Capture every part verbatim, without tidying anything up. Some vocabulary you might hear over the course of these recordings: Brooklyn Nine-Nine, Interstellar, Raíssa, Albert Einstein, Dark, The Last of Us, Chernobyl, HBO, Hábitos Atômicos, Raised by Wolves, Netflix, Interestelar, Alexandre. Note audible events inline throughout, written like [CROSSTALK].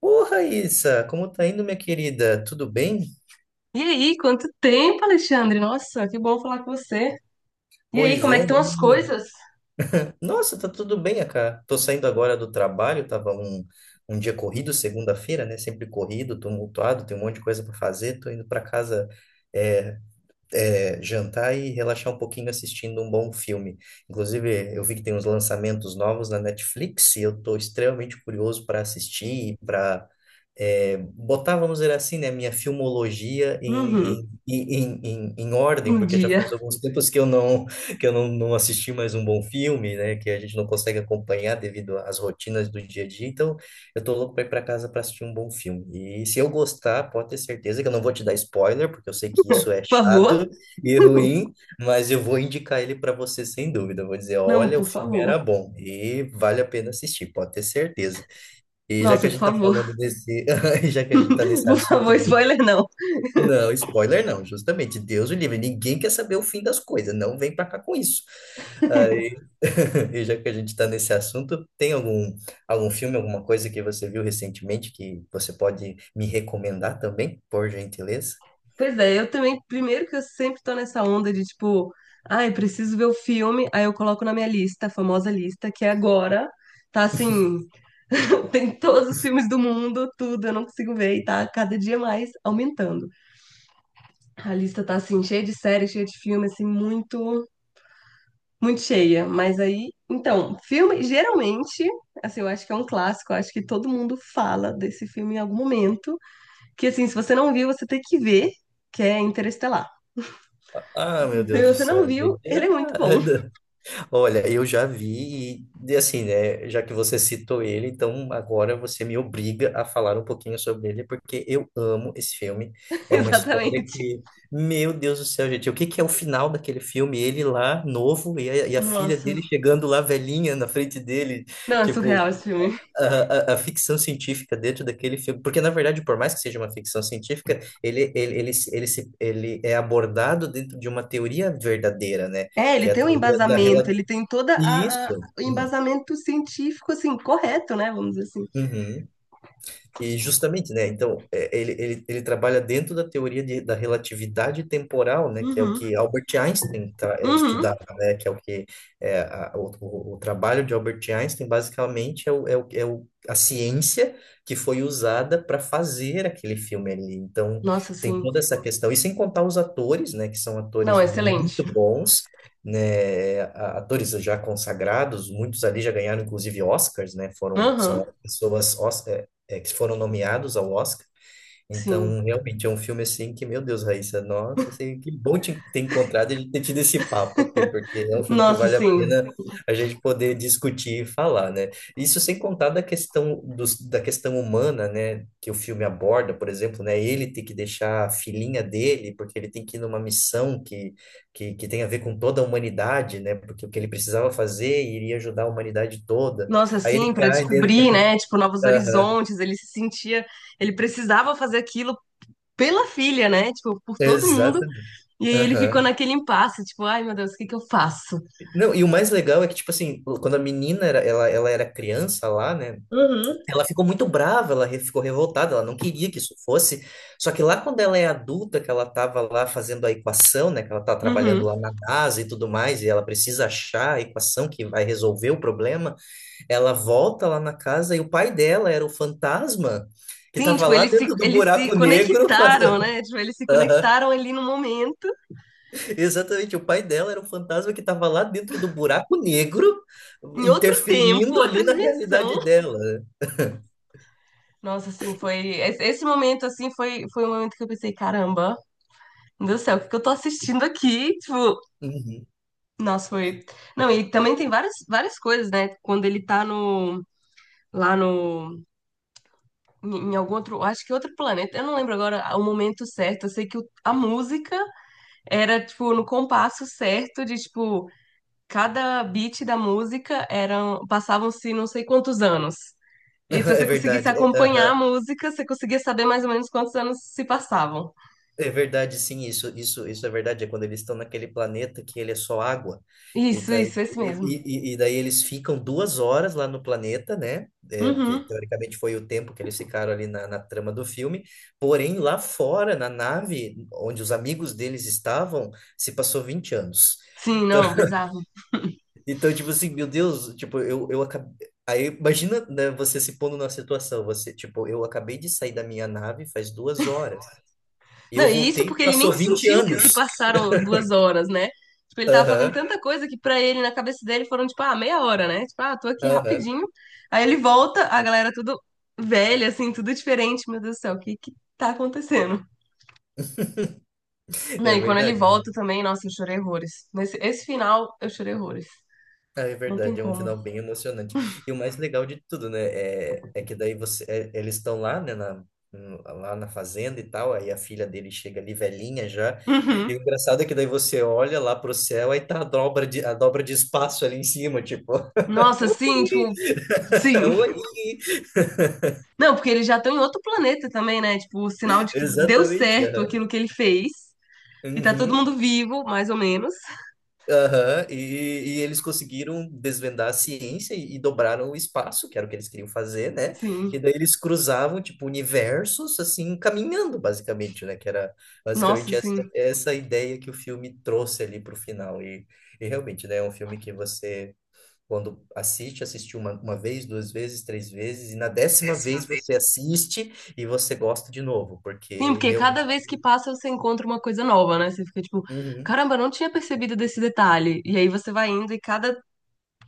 Ô, Raíssa, como tá indo, minha querida? Tudo bem? E aí, quanto tempo, Alexandre? Nossa, que bom falar com você. E aí, Pois como é que é, estão as menino. coisas? Nossa, tá tudo bem, né, cara. Tô saindo agora do trabalho, tava um, um dia corrido, segunda-feira, né? Sempre corrido, tumultuado, tem um monte de coisa para fazer. Tô indo para casa é, é, jantar e relaxar um pouquinho assistindo um bom filme. Inclusive, eu vi que tem uns lançamentos novos na Netflix e eu tô extremamente curioso para assistir e para é, botar, vamos dizer assim, né, minha filmologia Uhum. em, em, em, em, em ordem, Um porque já dia. faz alguns tempos que eu não que eu não, não assisti mais um bom filme, né, que a gente não consegue acompanhar devido às rotinas do dia a dia. Então, eu tô louco para ir para casa para assistir um bom filme. E se eu gostar, pode ter certeza que eu não vou te dar spoiler, porque eu sei que isso é Por chato favor? e [LAUGHS] ruim, mas eu vou indicar ele para você sem dúvida. Eu vou dizer, Não, olha, o por filme era favor. bom e vale a pena assistir, pode ter certeza. E já que a Nossa, por gente tá favor. falando desse, [LAUGHS] já que a gente tá [LAUGHS] nesse Por assunto favor, de, spoiler não. não, spoiler não, justamente, Deus o livre, ninguém quer saber o fim das coisas, não vem pra cá com isso. [LAUGHS] Aí, [LAUGHS] e já que a gente tá nesse assunto, tem algum algum filme, alguma coisa que você viu recentemente que você pode me recomendar também, por gentileza? Pois é, eu também, primeiro que eu sempre tô nessa onda de tipo, ai, preciso ver o filme, aí eu coloco na minha lista, a famosa lista, que é agora tá assim, [LAUGHS] tem todos os filmes do mundo, tudo, eu não consigo ver e tá cada dia mais aumentando. A lista tá assim, cheia de séries, cheia de filme, assim, muito Muito cheia, mas aí, então, filme, geralmente, assim, eu acho que é um clássico, eu acho que todo mundo fala desse filme em algum momento, que assim, se você não viu, você tem que ver, que é Interestelar. Ah, meu Se Deus do você não céu, viu, gente. ele é Ah, muito bom, [LAUGHS] olha, eu já vi e, e assim, né, já que você citou ele, então agora você me obriga a falar um pouquinho sobre ele, porque eu amo esse filme. [LAUGHS] É uma história exatamente. que, meu Deus do céu, gente, o que que é o final daquele filme? Ele lá, novo, e a, e a filha Nossa, dele chegando lá, velhinha, na frente dele, não, é surreal tipo... esse filme. A, a, a ficção científica dentro daquele filme, porque na verdade, por mais que seja uma ficção científica, ele, ele, ele, se- ele, se- ele é abordado dentro de uma teoria verdadeira, né? É, Que ele é a tem um teoria da embasamento, ele tem toda a, a- isso. o É. embasamento científico, assim, correto, né, vamos dizer assim. Uhum. E justamente, né? Então, é, ele, ele, ele trabalha dentro da teoria de, da relatividade temporal, né? Que é o Uhum, que Albert Einstein tra, é, uhum. estudava, né? Que é o que é, a- o, o, o trabalho de Albert Einstein, basicamente, é, o, é, o, é o, a ciência que foi usada para fazer aquele filme ali. Então, Nossa, tem sim. toda essa questão. E sem contar os atores, né? Que são atores Não, excelente. muito bons, né? A- atores já consagrados, muitos ali já ganharam, inclusive, Oscars, né? Foram, são Uhum, pessoas é, que foram nomeados ao Oscar. sim. Então, realmente é um filme assim que, meu Deus, Raíssa, nossa, assim, que bom te ter encontrado e ter tido esse papo aqui, porque é um filme que Nossa, vale a sim. pena a gente poder discutir e falar, né? Isso sem contar da questão dos, da questão humana, né, que o filme aborda, por exemplo, né, ele tem que deixar a filhinha dele, porque ele tem que ir numa missão que, que, que tem a ver com toda a humanidade, né? Porque o que ele precisava fazer iria ajudar a humanidade toda. Nossa, Aí ele assim, para cai dentro. descobrir, né, tipo, novos Aham, horizontes, ele se sentia, ele precisava fazer aquilo pela filha, né, tipo, por todo mundo, exatamente. e aí ele ficou Aham. naquele impasse, tipo, ai meu Deus, o que que eu faço? Não, e o mais legal é que, tipo assim, quando a menina era, ela, ela era criança lá, né? Uhum. Ela ficou muito brava, ela re- ficou revoltada, ela não queria que isso fosse. Só que lá quando ela é adulta, que ela tava lá fazendo a equação, né? Que ela tá trabalhando Uhum. lá na NASA e tudo mais, e ela precisa achar a equação que vai resolver o problema, ela volta lá na casa e o pai dela era o fantasma que Sim, tava tipo, lá eles se, dentro do eles se buraco negro conectaram, fazendo. né, tipo, eles se [LAUGHS] conectaram ali no momento, Exatamente, o pai dela era um fantasma que estava lá dentro do buraco negro, em outro tempo, interferindo ali outra na realidade dimensão. dela. Nossa, assim, foi, esse esse momento, assim, foi, foi um momento que eu pensei, caramba, meu Deus do céu, o que que eu tô assistindo aqui? Tipo, Uhum. nossa, foi. Não, e também tem várias, várias coisas, né? Quando ele tá no. Lá no. Em em algum outro. Acho que outro planeta. Eu não lembro agora o momento certo. Eu sei que o- a música era, tipo, no compasso certo de, tipo, cada beat da música eram. Passavam-se não sei quantos anos. E aí, se [LAUGHS] É você conseguisse verdade, é, acompanhar a aham. música, você conseguia saber mais ou menos quantos anos se passavam. É verdade, sim, isso, isso, isso é verdade. É quando eles estão naquele planeta que ele é só água. E Isso, daí, isso, esse mesmo. e, e- e daí eles ficam duas horas lá no planeta, né? É, porque Uhum. teoricamente foi o tempo que eles ficaram ali na, na trama do filme. Porém, lá fora, na nave, onde os amigos deles estavam, se passou vinte anos. Sim, Então, não, bizarro. então, tipo assim, meu Deus, tipo, eu, eu acabei. Aí, imagina, né, você se pondo na situação, você, tipo, eu acabei de sair da minha nave faz duas horas. E eu Não, e isso voltei, porque ele nem passou vinte sentiu que se anos. passaram [LAUGHS] duas horas, né? Tipo, ele tava fazendo Aham, tanta coisa que pra ele, na cabeça dele, foram, tipo, ah, meia hora, né? Tipo, ah, tô aqui aham. rapidinho. Aí ele volta, a galera tudo velha, assim, tudo diferente. Meu Deus do céu, o que que tá acontecendo? Não, É e quando ele verdade. volta também, nossa, eu chorei horrores. Nesse, esse final, eu chorei horrores. Ah, é Não tem verdade, é um como. final bem emocionante. E o mais legal de tudo, né, é, é que daí você, é- eles estão lá, né, na, no- lá na fazenda e tal, aí a filha dele chega ali velhinha já, e o Uhum. engraçado é que daí você olha lá pro céu, aí tá a dobra de, a dobra de espaço ali em cima, tipo... Nossa, Oi! sim, tipo, [LAUGHS] sim. Oi! Não, porque eles já estão em outro planeta também, né? Tipo, o sinal de que deu Exatamente, certo aham. aquilo que ele fez. E tá todo Uhum. mundo vivo, mais ou menos. Aham. E, e eles conseguiram desvendar a ciência e, e dobraram o espaço, que era o que eles queriam fazer, né? E Sim. daí eles cruzavam, tipo, universos, assim, caminhando, basicamente, né? Que era Nossa, basicamente essa, sim. essa ideia que o filme trouxe ali pro final. E, e realmente, né? É um filme que você, quando assiste, assistiu uma, uma vez, duas vezes, três vezes, e na décima vez você assiste e você gosta de novo, Sim, porque porque cada realmente vez que passa você encontra uma coisa nova, né? Você fica tipo, uhum, caramba, eu não tinha percebido desse detalhe. E aí você vai indo e cada,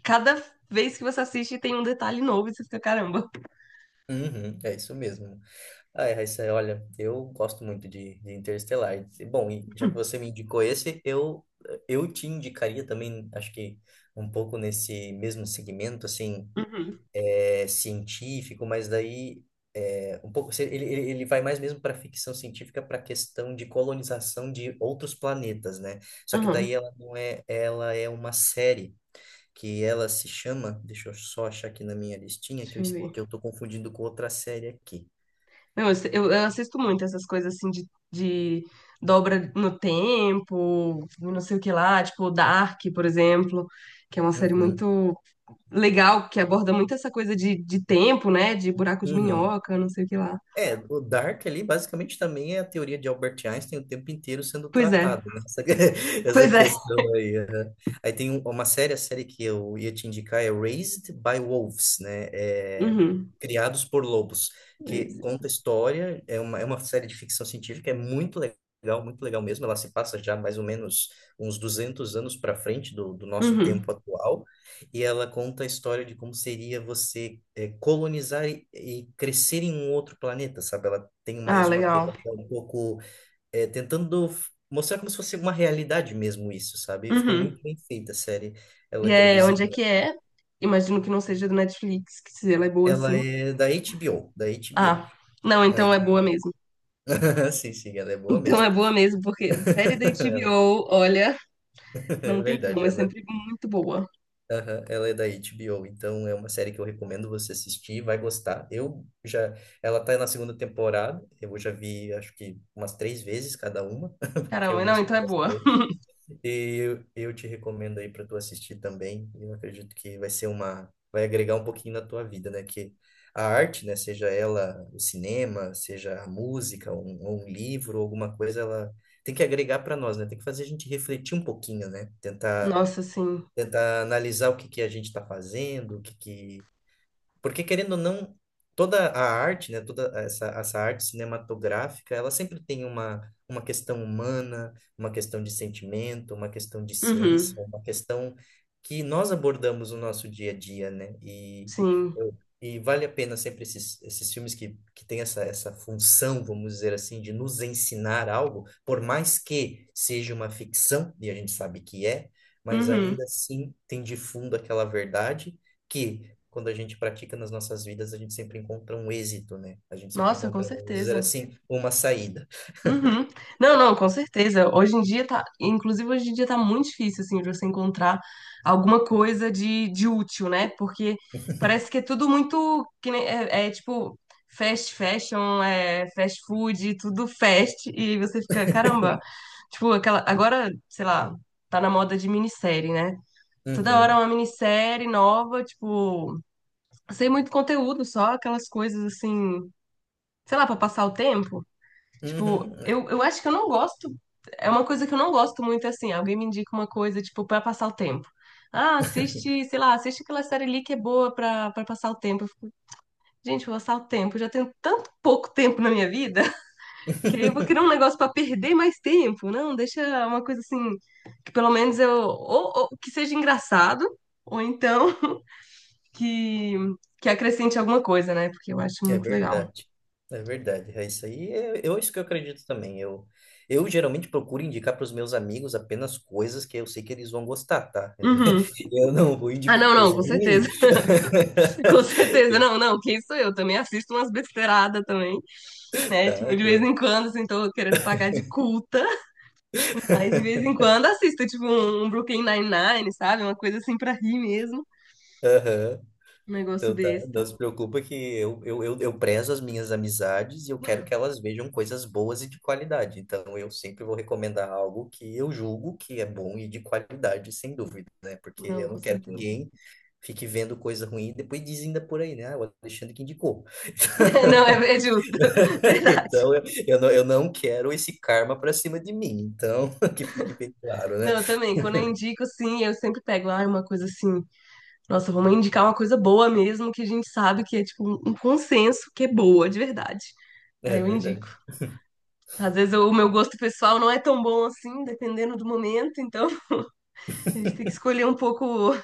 cada vez que você assiste tem um detalhe novo e você fica, caramba. uhum, é isso mesmo. Ai, Raíssa, olha, eu gosto muito de, de Interestelar. E, bom, e já que você me indicou esse, eu, eu te indicaria também, acho que um pouco nesse mesmo segmento, assim, Uhum. é, científico, mas daí é, um pouco, se- ele, ele, ele vai mais mesmo para ficção científica, para a questão de colonização de outros planetas, né? Só que daí Uhum. ela não é, ela é uma série. Que ela se chama, deixa eu só achar aqui na minha listinha, que Deixa eu, eu es- que ver. eu tô confundindo com outra série aqui. Não, eu, eu- eu assisto muito essas coisas assim de, de dobra no tempo, não sei o que lá, tipo Dark, por exemplo, que é uma série Uhum, muito legal, que aborda muito essa coisa de, de tempo, né? De buraco de uhum. minhoca, não sei o que lá. É, o Dark ali basicamente também é a teoria de Albert Einstein o tempo inteiro sendo Pois é. tratada, né? Essa, [LAUGHS] essa Pois é. questão aí. Aham. Aí tem um- uma série, a série que eu ia te indicar é Raised by Wolves, né? É, Uhum. Criados por Lobos, que É. conta a história, é uma, é uma série de ficção científica, é muito legal, muito legal mesmo. Ela se passa já mais ou menos uns duzentos anos para frente do, do nosso Uhum. tempo atual, e ela conta a história de como seria você é, colonizar e, e crescer em um outro planeta, sabe? Ela tem Ah, mais uma legal. pegada um pouco é, tentando f- mostrar como se fosse uma realidade mesmo isso, sabe? Ficou muito Uhum. bem feita a série. Ela é E é, onde é produzida, que é? Imagino que não seja do Netflix, que se ela é boa ela assim. é da H B O, da H B O, Ah, não, na então é boa H B O. mesmo. [LAUGHS] Sim, sim, ela é boa Então mesmo. é boa mesmo, porque [LAUGHS] série da H B O, olha, É não tem como, verdade, é ela sempre muito boa. aham, ela é da H B O, então é uma série que eu recomendo você assistir, vai gostar. Eu já, ela tá na segunda temporada, eu já vi acho que umas três vezes cada uma, [LAUGHS] porque eu Caramba, não, gostei então é boa. bastante. E eu, eu te recomendo aí para tu assistir também. Eu acredito que vai ser uma, vai agregar um pouquinho na tua vida, né? Que a arte, né, seja ela o cinema, seja a música, um, ou um livro, alguma coisa, ela tem que agregar para nós, né? Tem que fazer a gente refletir um pouquinho, né? Tentar Nossa, sim. tentar analisar o que que a gente está fazendo, o que que porque, querendo ou não, toda a arte, né, toda essa, essa arte cinematográfica, ela sempre tem uma, uma questão humana, uma questão de sentimento, uma questão de ciência, Uhum. uma questão que nós abordamos no nosso dia a dia, né? E, Sim. eu, e vale a pena sempre esses, esses filmes que, que têm essa, essa função, vamos dizer assim, de nos ensinar algo, por mais que seja uma ficção, e a gente sabe que é, mas Uhum. ainda assim tem de fundo aquela verdade que quando a gente pratica nas nossas vidas, a gente sempre encontra um êxito, né? A gente sempre Nossa, com encontra, vamos dizer certeza. assim, uma saída. Uhum. Não, não, com certeza. Hoje em dia tá, inclusive hoje em dia tá muito difícil assim de você encontrar alguma coisa de, de útil, né? Porque parece que é tudo muito que nem- é, é tipo fast fashion, é fast food, tudo fast e aí você fica, caramba. [LAUGHS] Tipo, aquela agora, sei lá, tá na moda de minissérie, né? Toda hora é Uhum, uma minissérie nova, tipo, sem muito conteúdo, só aquelas coisas assim, sei lá, pra passar o tempo. Tipo, uhum, é. eu, eu acho que eu não gosto. É uma coisa que eu não gosto muito assim. Alguém me indica uma coisa, tipo, pra passar o tempo. Ah, assiste, sei lá, assiste aquela série ali que é boa pra, pra passar o tempo. Eu fico, gente, vou passar o tempo. Eu já tenho tanto pouco tempo na minha vida [LAUGHS] que aí eu vou criar um [LAUGHS] negócio pra perder mais tempo. Não, deixa uma coisa assim, que pelo menos eu. Ou, ou que seja engraçado, ou então que, que acrescente alguma coisa, né? Porque eu acho É muito legal. verdade. É verdade. É isso aí. É, eu, isso que eu acredito também. Eu, eu geralmente procuro indicar para os meus amigos apenas coisas que eu sei que eles vão gostar, tá? Eu, não- Uhum. [LAUGHS] eu não vou Ah, indicar não, não, coisa com ruim. certeza. [LAUGHS] Com certeza, não, [LAUGHS] não, quem sou eu? Também assisto umas besteiradas também, né? Tá, Tipo, de vez então. em quando, assim, tô querendo pagar de culta, mas de vez em quando assisto, tipo, um um Brooklyn Nine-Nine, sabe? Uma coisa assim pra rir mesmo, Aham. um negócio Então tá, desse, não tá? se preocupa que eu, eu, eu, eu prezo as minhas amizades e eu quero que elas vejam coisas boas e de qualidade. Então eu sempre vou recomendar algo que eu julgo que é bom e de qualidade, sem dúvida, né? Porque Não, eu com não quero que certeza. ninguém fique vendo coisa ruim e depois diz ainda por aí, né? Ah, o Alexandre que indicou. [LAUGHS] Não, é, é justo, [LAUGHS] [LAUGHS] verdade. Então eu, eu não, eu não quero esse karma pra cima de mim. Então, [LAUGHS] que fique bem claro, Não, né? eu também, quando eu indico, assim, eu sempre pego, ah, uma coisa assim, nossa, vamos indicar uma coisa boa mesmo, que a gente sabe que é, tipo, um um consenso que é boa, de verdade. É Aí eu indico. verdade. Às vezes o meu gosto pessoal não é tão bom assim, dependendo do momento, então [LAUGHS] a gente tem que escolher um pouco, um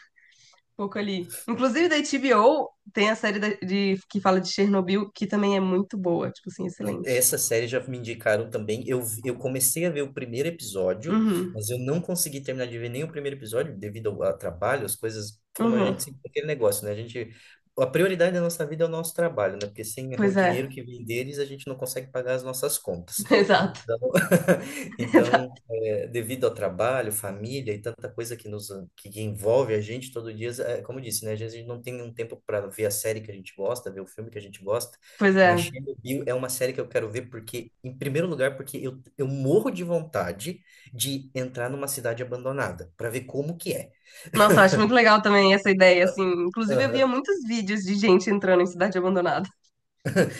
pouco ali. Inclusive da H B O tem a série da- de, que fala de Chernobyl, que também é muito boa, tipo assim, excelente. Essa série já me indicaram também. Eu, eu comecei a ver o primeiro episódio, Uhum, mas eu não consegui terminar de ver nem o primeiro episódio devido ao, ao trabalho, as coisas, como a uhum. gente sempre aquele negócio, né? A gente, a prioridade da nossa vida é o nosso trabalho, né? Porque sem o Pois é, dinheiro que vem deles, a gente não consegue pagar as nossas contas. [LAUGHS] exato, Então, [LAUGHS] então exato. é, devido ao trabalho, família e tanta coisa que nos que que envolve a gente todo dia, é, como eu disse, né? Às vezes a gente não tem um tempo para ver a série que a gente gosta, ver o filme que a gente gosta. Pois é. Mas Chernobyl é uma série que eu quero ver porque, em primeiro lugar, porque eu, eu morro de vontade de entrar numa cidade abandonada para ver como que é. Nossa, eu acho muito legal também essa ideia, assim. Inclusive eu via muitos vídeos de gente entrando em cidade abandonada.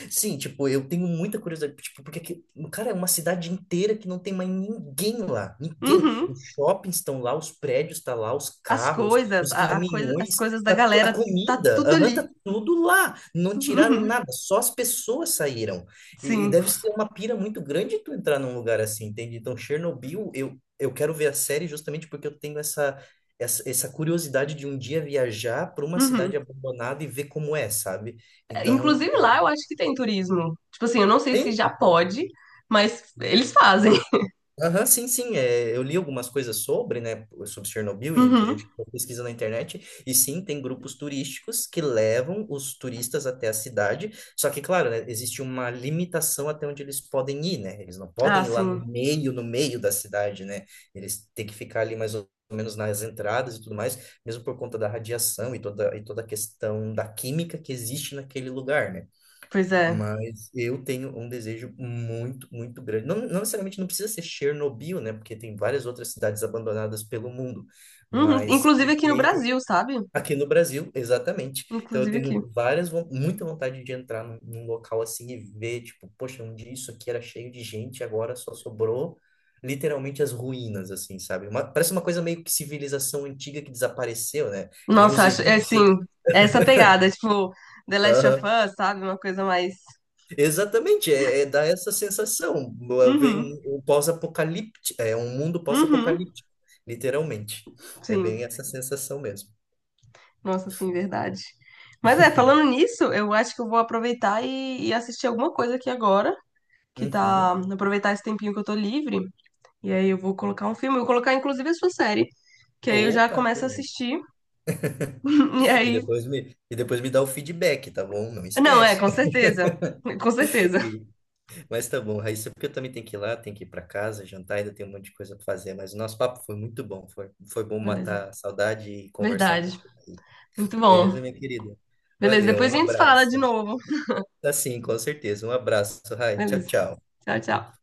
Sim, tipo, eu tenho muita curiosidade, tipo, porque aqui, cara, é uma cidade inteira que não tem mais ninguém lá, ninguém. Os Uhum. shoppings estão lá, os prédios estão lá, os As carros, coisas, os a, a coisa, as caminhões, coisas da tá tu- a galera, tá comida, tudo aham, tá ali. tudo lá. Não tiraram Uhum. nada, só as pessoas saíram. E, e Sim. deve ser uma pira muito grande tu entrar num lugar assim, entende? Então, Chernobyl, eu, eu quero ver a série justamente porque eu tenho essa, essa, essa curiosidade de um dia viajar para uma cidade Uhum. abandonada e ver como é, sabe? Então, Inclusive lá eu acho que tem turismo. Tipo assim, eu não sei se já pode, mas eles fazem. [LAUGHS] aham, sim, sim. É, eu li algumas coisas sobre, né, sobre Chernobyl e que a Uhum. gente pesquisa na internet. E sim, tem grupos turísticos que levam os turistas até a cidade. Só que, claro, né, existe uma limitação até onde eles podem ir, né? Eles não Ah, podem ir lá no sim. meio, no meio da cidade, né? Eles têm que ficar ali mais ou menos nas entradas e tudo mais, mesmo por conta da radiação e toda, e toda a questão da química que existe naquele lugar, né? Pois é. Mas eu tenho um desejo muito, muito grande. Não, não necessariamente não precisa ser Chernobyl, né? Porque tem várias outras cidades abandonadas pelo mundo. Uhum. Mas Inclusive eu aqui no tenho Brasil, sabe? aqui no Brasil, exatamente. Então eu Inclusive aqui. tenho várias, von- muita vontade de entrar num, num local assim e ver, tipo, poxa, um dia isso aqui era cheio de gente, agora só sobrou literalmente as ruínas, assim, sabe? Uma- parece uma coisa meio que civilização antiga que desapareceu, né? Que nem Nossa, os eu acho. É assim, egípcios. é essa pegada, tipo, The Last of Us, sabe? Uma coisa mais. Exatamente, é, é dar essa sensação. Veio Uhum. um, um pós-apocalíptico, é um mundo Uhum. pós-apocalíptico, literalmente. É bem Sim. essa sensação mesmo. Nossa, sim, verdade. Mas é, falando nisso, eu acho que eu vou aproveitar e, e assistir alguma coisa aqui agora, que Uhum. tá. Aproveitar esse tempinho que eu tô livre. E aí eu vou colocar um filme, eu vou colocar inclusive a sua série. Que aí eu já Opa, que começo a bom. assistir. [LAUGHS] E e aí. depois me, e depois me dá o feedback, tá bom? Não Não, é, esquece. com certeza. Com [LAUGHS] certeza. E- Mas tá bom, Raíssa, é porque eu também tenho que ir lá, tenho que ir para casa, jantar, ainda tem um monte de coisa para fazer, mas o nosso papo foi muito bom, foi, foi bom Beleza. matar a saudade e conversar um Verdade. pouquinho. Muito bom. Beleza, minha querida? Beleza, Valeu, depois um a gente fala abraço. de novo. Tá sim, com certeza. Um abraço, Rai. Tchau, Beleza. tchau. Tchau, tchau.